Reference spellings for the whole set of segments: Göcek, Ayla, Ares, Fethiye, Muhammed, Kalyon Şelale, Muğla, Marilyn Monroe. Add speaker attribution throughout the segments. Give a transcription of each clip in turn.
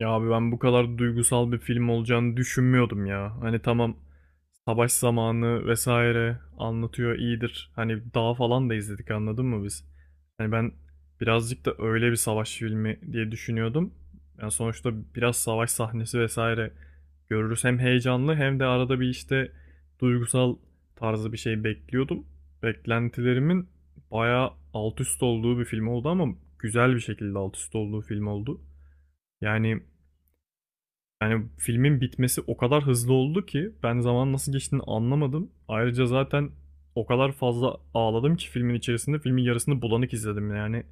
Speaker 1: Ya abi, ben bu kadar duygusal bir film olacağını düşünmüyordum ya. Hani tamam, savaş zamanı vesaire anlatıyor, iyidir. Hani dağ falan da izledik, anladın mı biz? Hani ben birazcık da öyle bir savaş filmi diye düşünüyordum. Yani sonuçta biraz savaş sahnesi vesaire görürüz. Hem heyecanlı hem de arada bir işte duygusal tarzı bir şey bekliyordum. Beklentilerimin bayağı alt üst olduğu bir film oldu, ama güzel bir şekilde alt üst olduğu film oldu. Yani yani filmin bitmesi o kadar hızlı oldu ki ben zaman nasıl geçtiğini anlamadım. Ayrıca zaten o kadar fazla ağladım ki filmin içerisinde filmin yarısını bulanık izledim yani.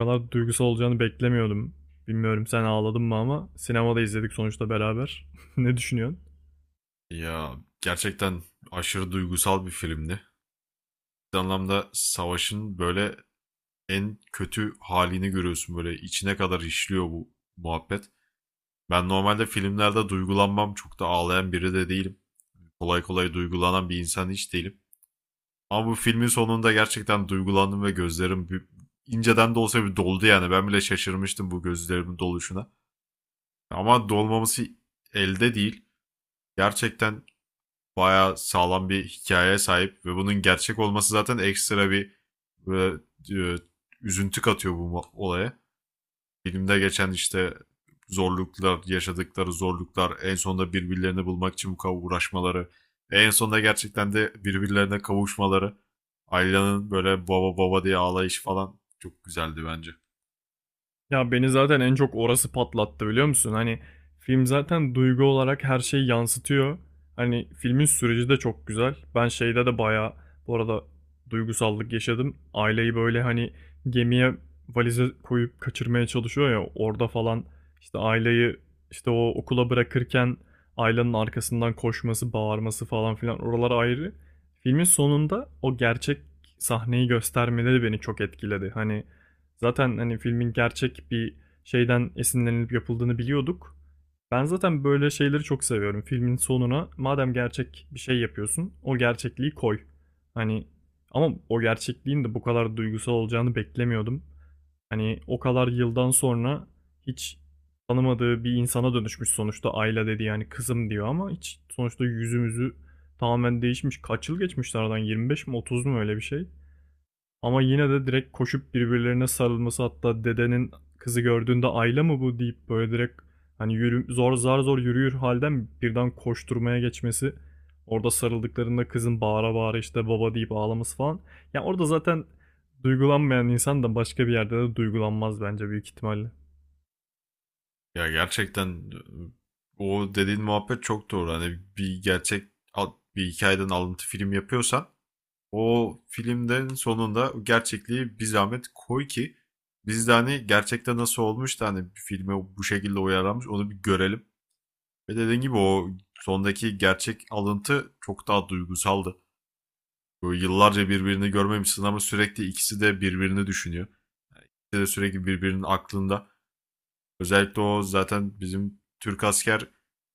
Speaker 1: O kadar duygusal olacağını beklemiyordum. Bilmiyorum sen ağladın mı, ama sinemada izledik sonuçta beraber. Ne düşünüyorsun?
Speaker 2: Ya gerçekten aşırı duygusal bir filmdi. Bir anlamda savaşın böyle en kötü halini görüyorsun, böyle içine kadar işliyor bu muhabbet. Ben normalde filmlerde duygulanmam, çok da ağlayan biri de değilim. Kolay kolay duygulanan bir insan hiç değilim. Ama bu filmin sonunda gerçekten duygulandım ve gözlerim inceden de olsa bir doldu yani. Ben bile şaşırmıştım bu gözlerimin doluşuna. Ama dolmaması elde değil. Gerçekten bayağı sağlam bir hikayeye sahip ve bunun gerçek olması zaten ekstra bir böyle, e, üzüntü katıyor bu olaya. Filmde geçen işte zorluklar, yaşadıkları zorluklar, en sonunda birbirlerini bulmak için bu kadar uğraşmaları, en sonunda gerçekten de birbirlerine kavuşmaları, Ayla'nın böyle baba baba diye ağlayışı falan çok güzeldi bence.
Speaker 1: Ya beni zaten en çok orası patlattı, biliyor musun? Hani film zaten duygu olarak her şeyi yansıtıyor. Hani filmin süreci de çok güzel. Ben şeyde de bayağı, bu arada, duygusallık yaşadım. Aileyi böyle hani gemiye valize koyup kaçırmaya çalışıyor ya, orada falan işte aileyi, işte o okula bırakırken ailenin arkasından koşması, bağırması falan filan, oralar ayrı. Filmin sonunda o gerçek sahneyi göstermeleri beni çok etkiledi, hani. Zaten hani filmin gerçek bir şeyden esinlenilip yapıldığını biliyorduk. Ben zaten böyle şeyleri çok seviyorum. Filmin sonuna madem gerçek bir şey yapıyorsun, o gerçekliği koy. Hani ama o gerçekliğin de bu kadar duygusal olacağını beklemiyordum. Hani o kadar yıldan sonra hiç tanımadığı bir insana dönüşmüş sonuçta. Ayla dedi, yani kızım diyor, ama hiç, sonuçta yüzümüzü tamamen değişmiş. Kaç yıl geçmiş aradan, 25 mi 30 mu, öyle bir şey? Ama yine de direkt koşup birbirlerine sarılması, hatta dedenin kızı gördüğünde Ayla mı bu deyip böyle direkt, hani yürü, zar zor yürüyür halden birden koşturmaya geçmesi. Orada sarıldıklarında kızın bağıra bağıra işte baba deyip ağlaması falan. Yani orada zaten duygulanmayan insan da başka bir yerde de duygulanmaz bence, büyük ihtimalle.
Speaker 2: Ya gerçekten o dediğin muhabbet çok doğru. Hani bir gerçek bir hikayeden alıntı film yapıyorsan, o filmden sonunda gerçekliği bir zahmet koy ki biz de hani gerçekte nasıl olmuş da hani bir filme bu şekilde uyarlanmış onu bir görelim. Ve dediğim gibi o sondaki gerçek alıntı çok daha duygusaldı. Böyle yıllarca birbirini görmemişsin ama sürekli ikisi de birbirini düşünüyor. İkisi de sürekli birbirinin aklında. Özellikle o zaten bizim Türk asker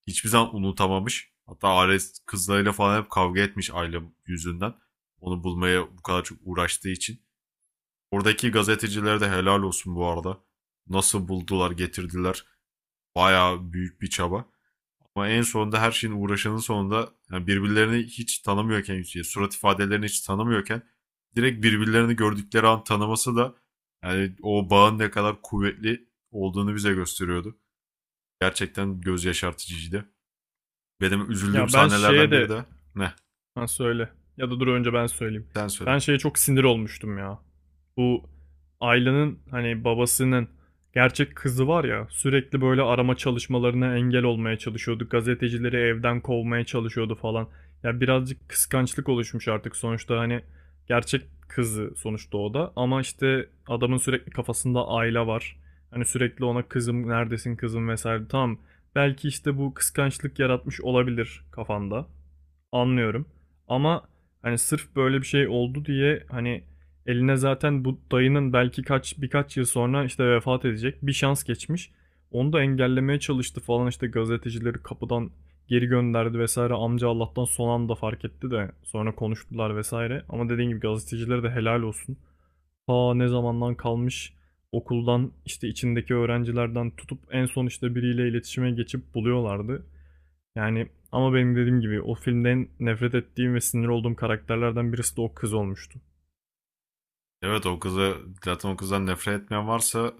Speaker 2: hiçbir zaman unutamamış. Hatta Ares kızlarıyla falan hep kavga etmiş aile yüzünden. Onu bulmaya bu kadar çok uğraştığı için. Oradaki gazetecilere de helal olsun bu arada. Nasıl buldular, getirdiler. Bayağı büyük bir çaba. Ama en sonunda her şeyin uğraşanın sonunda, yani birbirlerini hiç tanımıyorken, surat ifadelerini hiç tanımıyorken direkt birbirlerini gördükleri an tanıması da yani o bağın ne kadar kuvvetli olduğunu bize gösteriyordu. Gerçekten göz yaşartıcıydı. Benim üzüldüğüm
Speaker 1: Ya ben şeye
Speaker 2: sahnelerden biri
Speaker 1: de...
Speaker 2: de ne?
Speaker 1: Ha, söyle. Ya da dur, önce ben söyleyeyim.
Speaker 2: Sen söyle.
Speaker 1: Ben şeye çok sinir olmuştum ya. Bu Ayla'nın hani babasının gerçek kızı var ya, sürekli böyle arama çalışmalarına engel olmaya çalışıyordu. Gazetecileri evden kovmaya çalışıyordu falan. Ya birazcık kıskançlık oluşmuş artık sonuçta, hani gerçek kızı sonuçta o da. Ama işte adamın sürekli kafasında Ayla var. Hani sürekli ona kızım neredesin, kızım vesaire. Tamam, belki işte bu kıskançlık yaratmış olabilir kafanda. Anlıyorum. Ama hani sırf böyle bir şey oldu diye, hani eline zaten bu dayının belki birkaç yıl sonra işte vefat edecek bir şans geçmiş. Onu da engellemeye çalıştı falan, işte gazetecileri kapıdan geri gönderdi vesaire. Amca Allah'tan son anda fark etti de sonra konuştular vesaire. Ama dediğim gibi gazetecilere de helal olsun. Ta ne zamandan kalmış okuldan, işte içindeki öğrencilerden tutup en son işte biriyle iletişime geçip buluyorlardı. Yani ama benim dediğim gibi, o filmden nefret ettiğim ve sinir olduğum karakterlerden birisi de o kız olmuştu.
Speaker 2: Evet, o kızı, zaten o kızdan nefret etmeyen varsa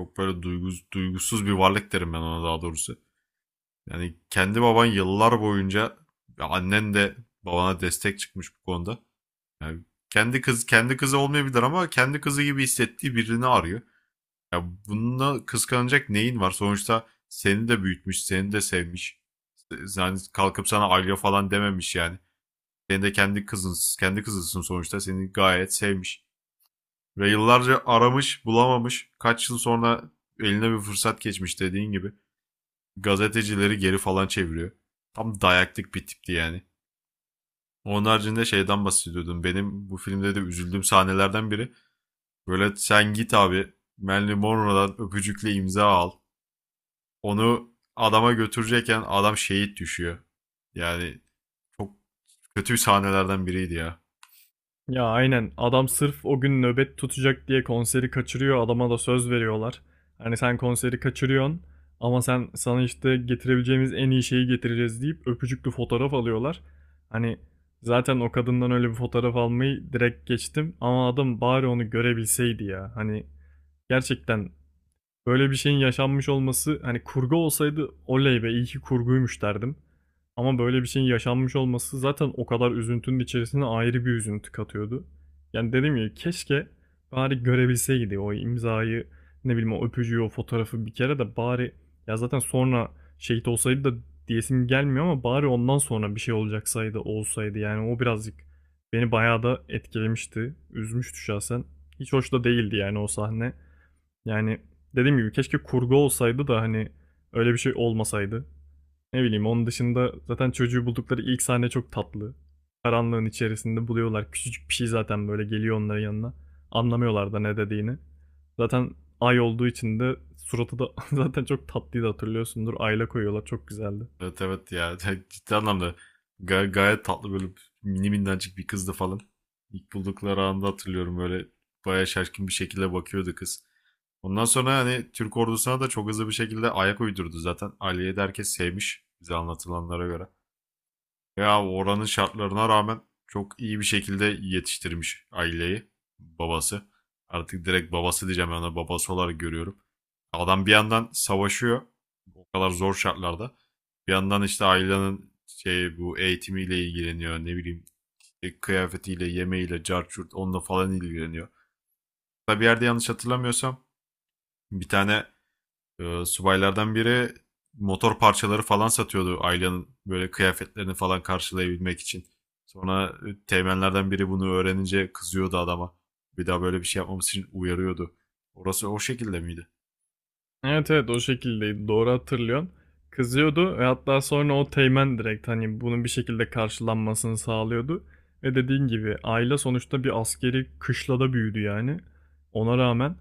Speaker 2: çok böyle duygusuz bir varlık derim ben ona, daha doğrusu. Yani kendi baban yıllar boyunca ve annen de babana destek çıkmış bu konuda. Yani kendi kızı olmayabilir ama kendi kızı gibi hissettiği birini arıyor. Ya bununla kıskanacak neyin var? Sonuçta seni de büyütmüş, seni de sevmiş. Yani kalkıp sana Alya falan dememiş yani. Senin de kendi kızın, kendi kızısın sonuçta. Seni gayet sevmiş. Ve yıllarca aramış, bulamamış. Kaç yıl sonra eline bir fırsat geçmiş dediğin gibi. Gazetecileri geri falan çeviriyor. Tam dayaklık bir tipti yani. Onun haricinde şeyden bahsediyordum. Benim bu filmde de üzüldüğüm sahnelerden biri. Böyle sen git abi, Marilyn Monroe'dan öpücükle imza al. Onu adama götürecekken adam şehit düşüyor. Yani çok kötü sahnelerden biriydi ya.
Speaker 1: Ya aynen, adam sırf o gün nöbet tutacak diye konseri kaçırıyor, adama da söz veriyorlar. Hani sen konseri kaçırıyorsun, ama sana işte getirebileceğimiz en iyi şeyi getireceğiz deyip öpücüklü fotoğraf alıyorlar. Hani zaten o kadından öyle bir fotoğraf almayı direkt geçtim, ama adam bari onu görebilseydi ya. Hani gerçekten, böyle bir şeyin yaşanmış olması, hani kurgu olsaydı oley be, iyi ki kurguymuş derdim. Ama böyle bir şeyin yaşanmış olması, zaten o kadar üzüntünün içerisine ayrı bir üzüntü katıyordu. Yani dedim ya, keşke bari görebilseydi o imzayı, ne bileyim, o öpücüğü, o fotoğrafı bir kere de bari, ya zaten sonra şehit olsaydı da diyesim gelmiyor ama bari ondan sonra bir şey olsaydı yani. O birazcık beni bayağı da etkilemişti. Üzmüştü şahsen. Hiç hoş da değildi yani o sahne. Yani dediğim gibi keşke kurgu olsaydı da hani öyle bir şey olmasaydı. Ne bileyim, onun dışında zaten çocuğu buldukları ilk sahne çok tatlı. Karanlığın içerisinde buluyorlar. Küçücük bir şey zaten böyle geliyor onların yanına. Anlamıyorlar da ne dediğini. Zaten ay olduğu için de suratı da zaten çok tatlıydı, hatırlıyorsundur. Ayla koyuyorlar, çok güzeldi.
Speaker 2: Evet, evet ya, ciddi anlamda gayet tatlı, böyle mini minnacık bir kızdı falan. İlk buldukları anda hatırlıyorum, böyle bayağı şaşkın bir şekilde bakıyordu kız. Ondan sonra hani Türk ordusuna da çok hızlı bir şekilde ayak uydurdu zaten. Aliye'yi de herkes sevmiş bize anlatılanlara göre. Ya oranın şartlarına rağmen çok iyi bir şekilde yetiştirmiş aileyi, babası. Artık direkt babası diyeceğim, ben ona babası olarak görüyorum. Adam bir yandan savaşıyor o kadar zor şartlarda. Bir yandan işte ailenin şey bu eğitimiyle ilgileniyor, ne bileyim işte kıyafetiyle, yemeğiyle, carçurt onunla falan ilgileniyor. Hatta bir yerde yanlış hatırlamıyorsam bir tane subaylardan biri motor parçaları falan satıyordu Ayla'nın böyle kıyafetlerini falan karşılayabilmek için. Sonra teğmenlerden biri bunu öğrenince kızıyordu adama. Bir daha böyle bir şey yapmamız için uyarıyordu. Orası o şekilde miydi?
Speaker 1: Evet evet, o şekildeydi, doğru hatırlıyorsun. Kızıyordu, ve hatta sonra o teğmen direkt hani bunun bir şekilde karşılanmasını sağlıyordu. Ve dediğin gibi aile sonuçta bir askeri kışlada büyüdü yani. Ona rağmen,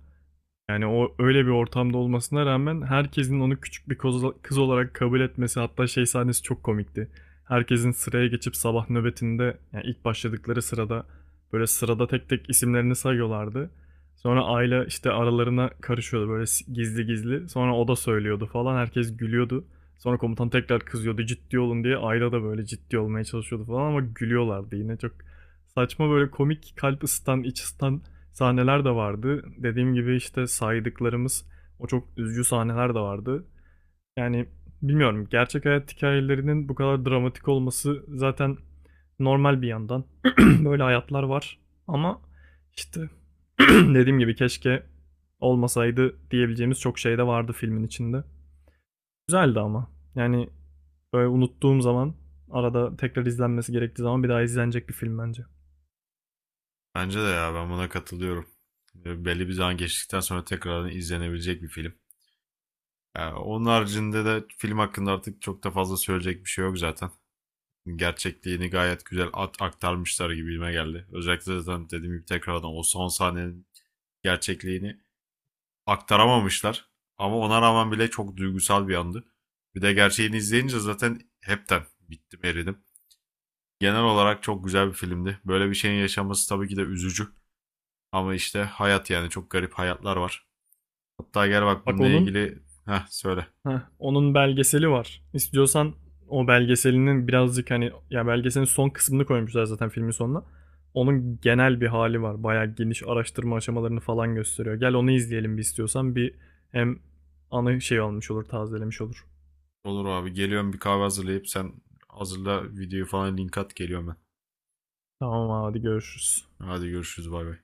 Speaker 1: yani o öyle bir ortamda olmasına rağmen, herkesin onu küçük bir kız olarak kabul etmesi, hatta şey sahnesi çok komikti. Herkesin sıraya geçip sabah nöbetinde yani ilk başladıkları sırada, böyle sırada tek tek isimlerini sayıyorlardı. Sonra Ayla işte aralarına karışıyordu böyle, gizli gizli. Sonra o da söylüyordu falan, herkes gülüyordu. Sonra komutan tekrar kızıyordu ciddi olun diye. Ayla da böyle ciddi olmaya çalışıyordu falan, ama gülüyorlardı yine. Çok saçma, böyle komik, kalp ısıtan, iç ısıtan sahneler de vardı. Dediğim gibi işte saydıklarımız o çok üzücü sahneler de vardı. Yani bilmiyorum, gerçek hayat hikayelerinin bu kadar dramatik olması zaten normal bir yandan. Böyle hayatlar var, ama işte, dediğim gibi keşke olmasaydı diyebileceğimiz çok şey de vardı filmin içinde. Güzeldi ama. Yani böyle unuttuğum zaman, arada tekrar izlenmesi gerektiği zaman bir daha izlenecek bir film bence.
Speaker 2: Bence de ya, ben buna katılıyorum. Belli bir zaman geçtikten sonra tekrardan izlenebilecek bir film. Yani onun haricinde de film hakkında artık çok da fazla söyleyecek bir şey yok zaten. Gerçekliğini gayet güzel at aktarmışlar gibime geldi. Özellikle zaten dediğim gibi tekrardan o son sahnenin gerçekliğini aktaramamışlar. Ama ona rağmen bile çok duygusal bir andı. Bir de gerçeğini izleyince zaten hepten bittim, eridim. Genel olarak çok güzel bir filmdi. Böyle bir şeyin yaşaması tabii ki de üzücü. Ama işte hayat, yani çok garip hayatlar var. Hatta gel bak
Speaker 1: Bak
Speaker 2: bununla
Speaker 1: onun
Speaker 2: ilgili, heh söyle.
Speaker 1: Heh, onun belgeseli var. İstiyorsan, o belgeselinin birazcık hani, ya belgeselin son kısmını koymuşlar zaten filmin sonuna. Onun genel bir hali var. Bayağı geniş araştırma aşamalarını falan gösteriyor. Gel onu izleyelim bir istiyorsan. Bir, hem anı şey olmuş olur, tazelemiş olur.
Speaker 2: Olur abi, geliyorum, bir kahve hazırlayıp, sen hazırla videoyu falan, link at, geliyorum ben.
Speaker 1: Tamam abi, hadi görüşürüz.
Speaker 2: Hadi görüşürüz, bay bay.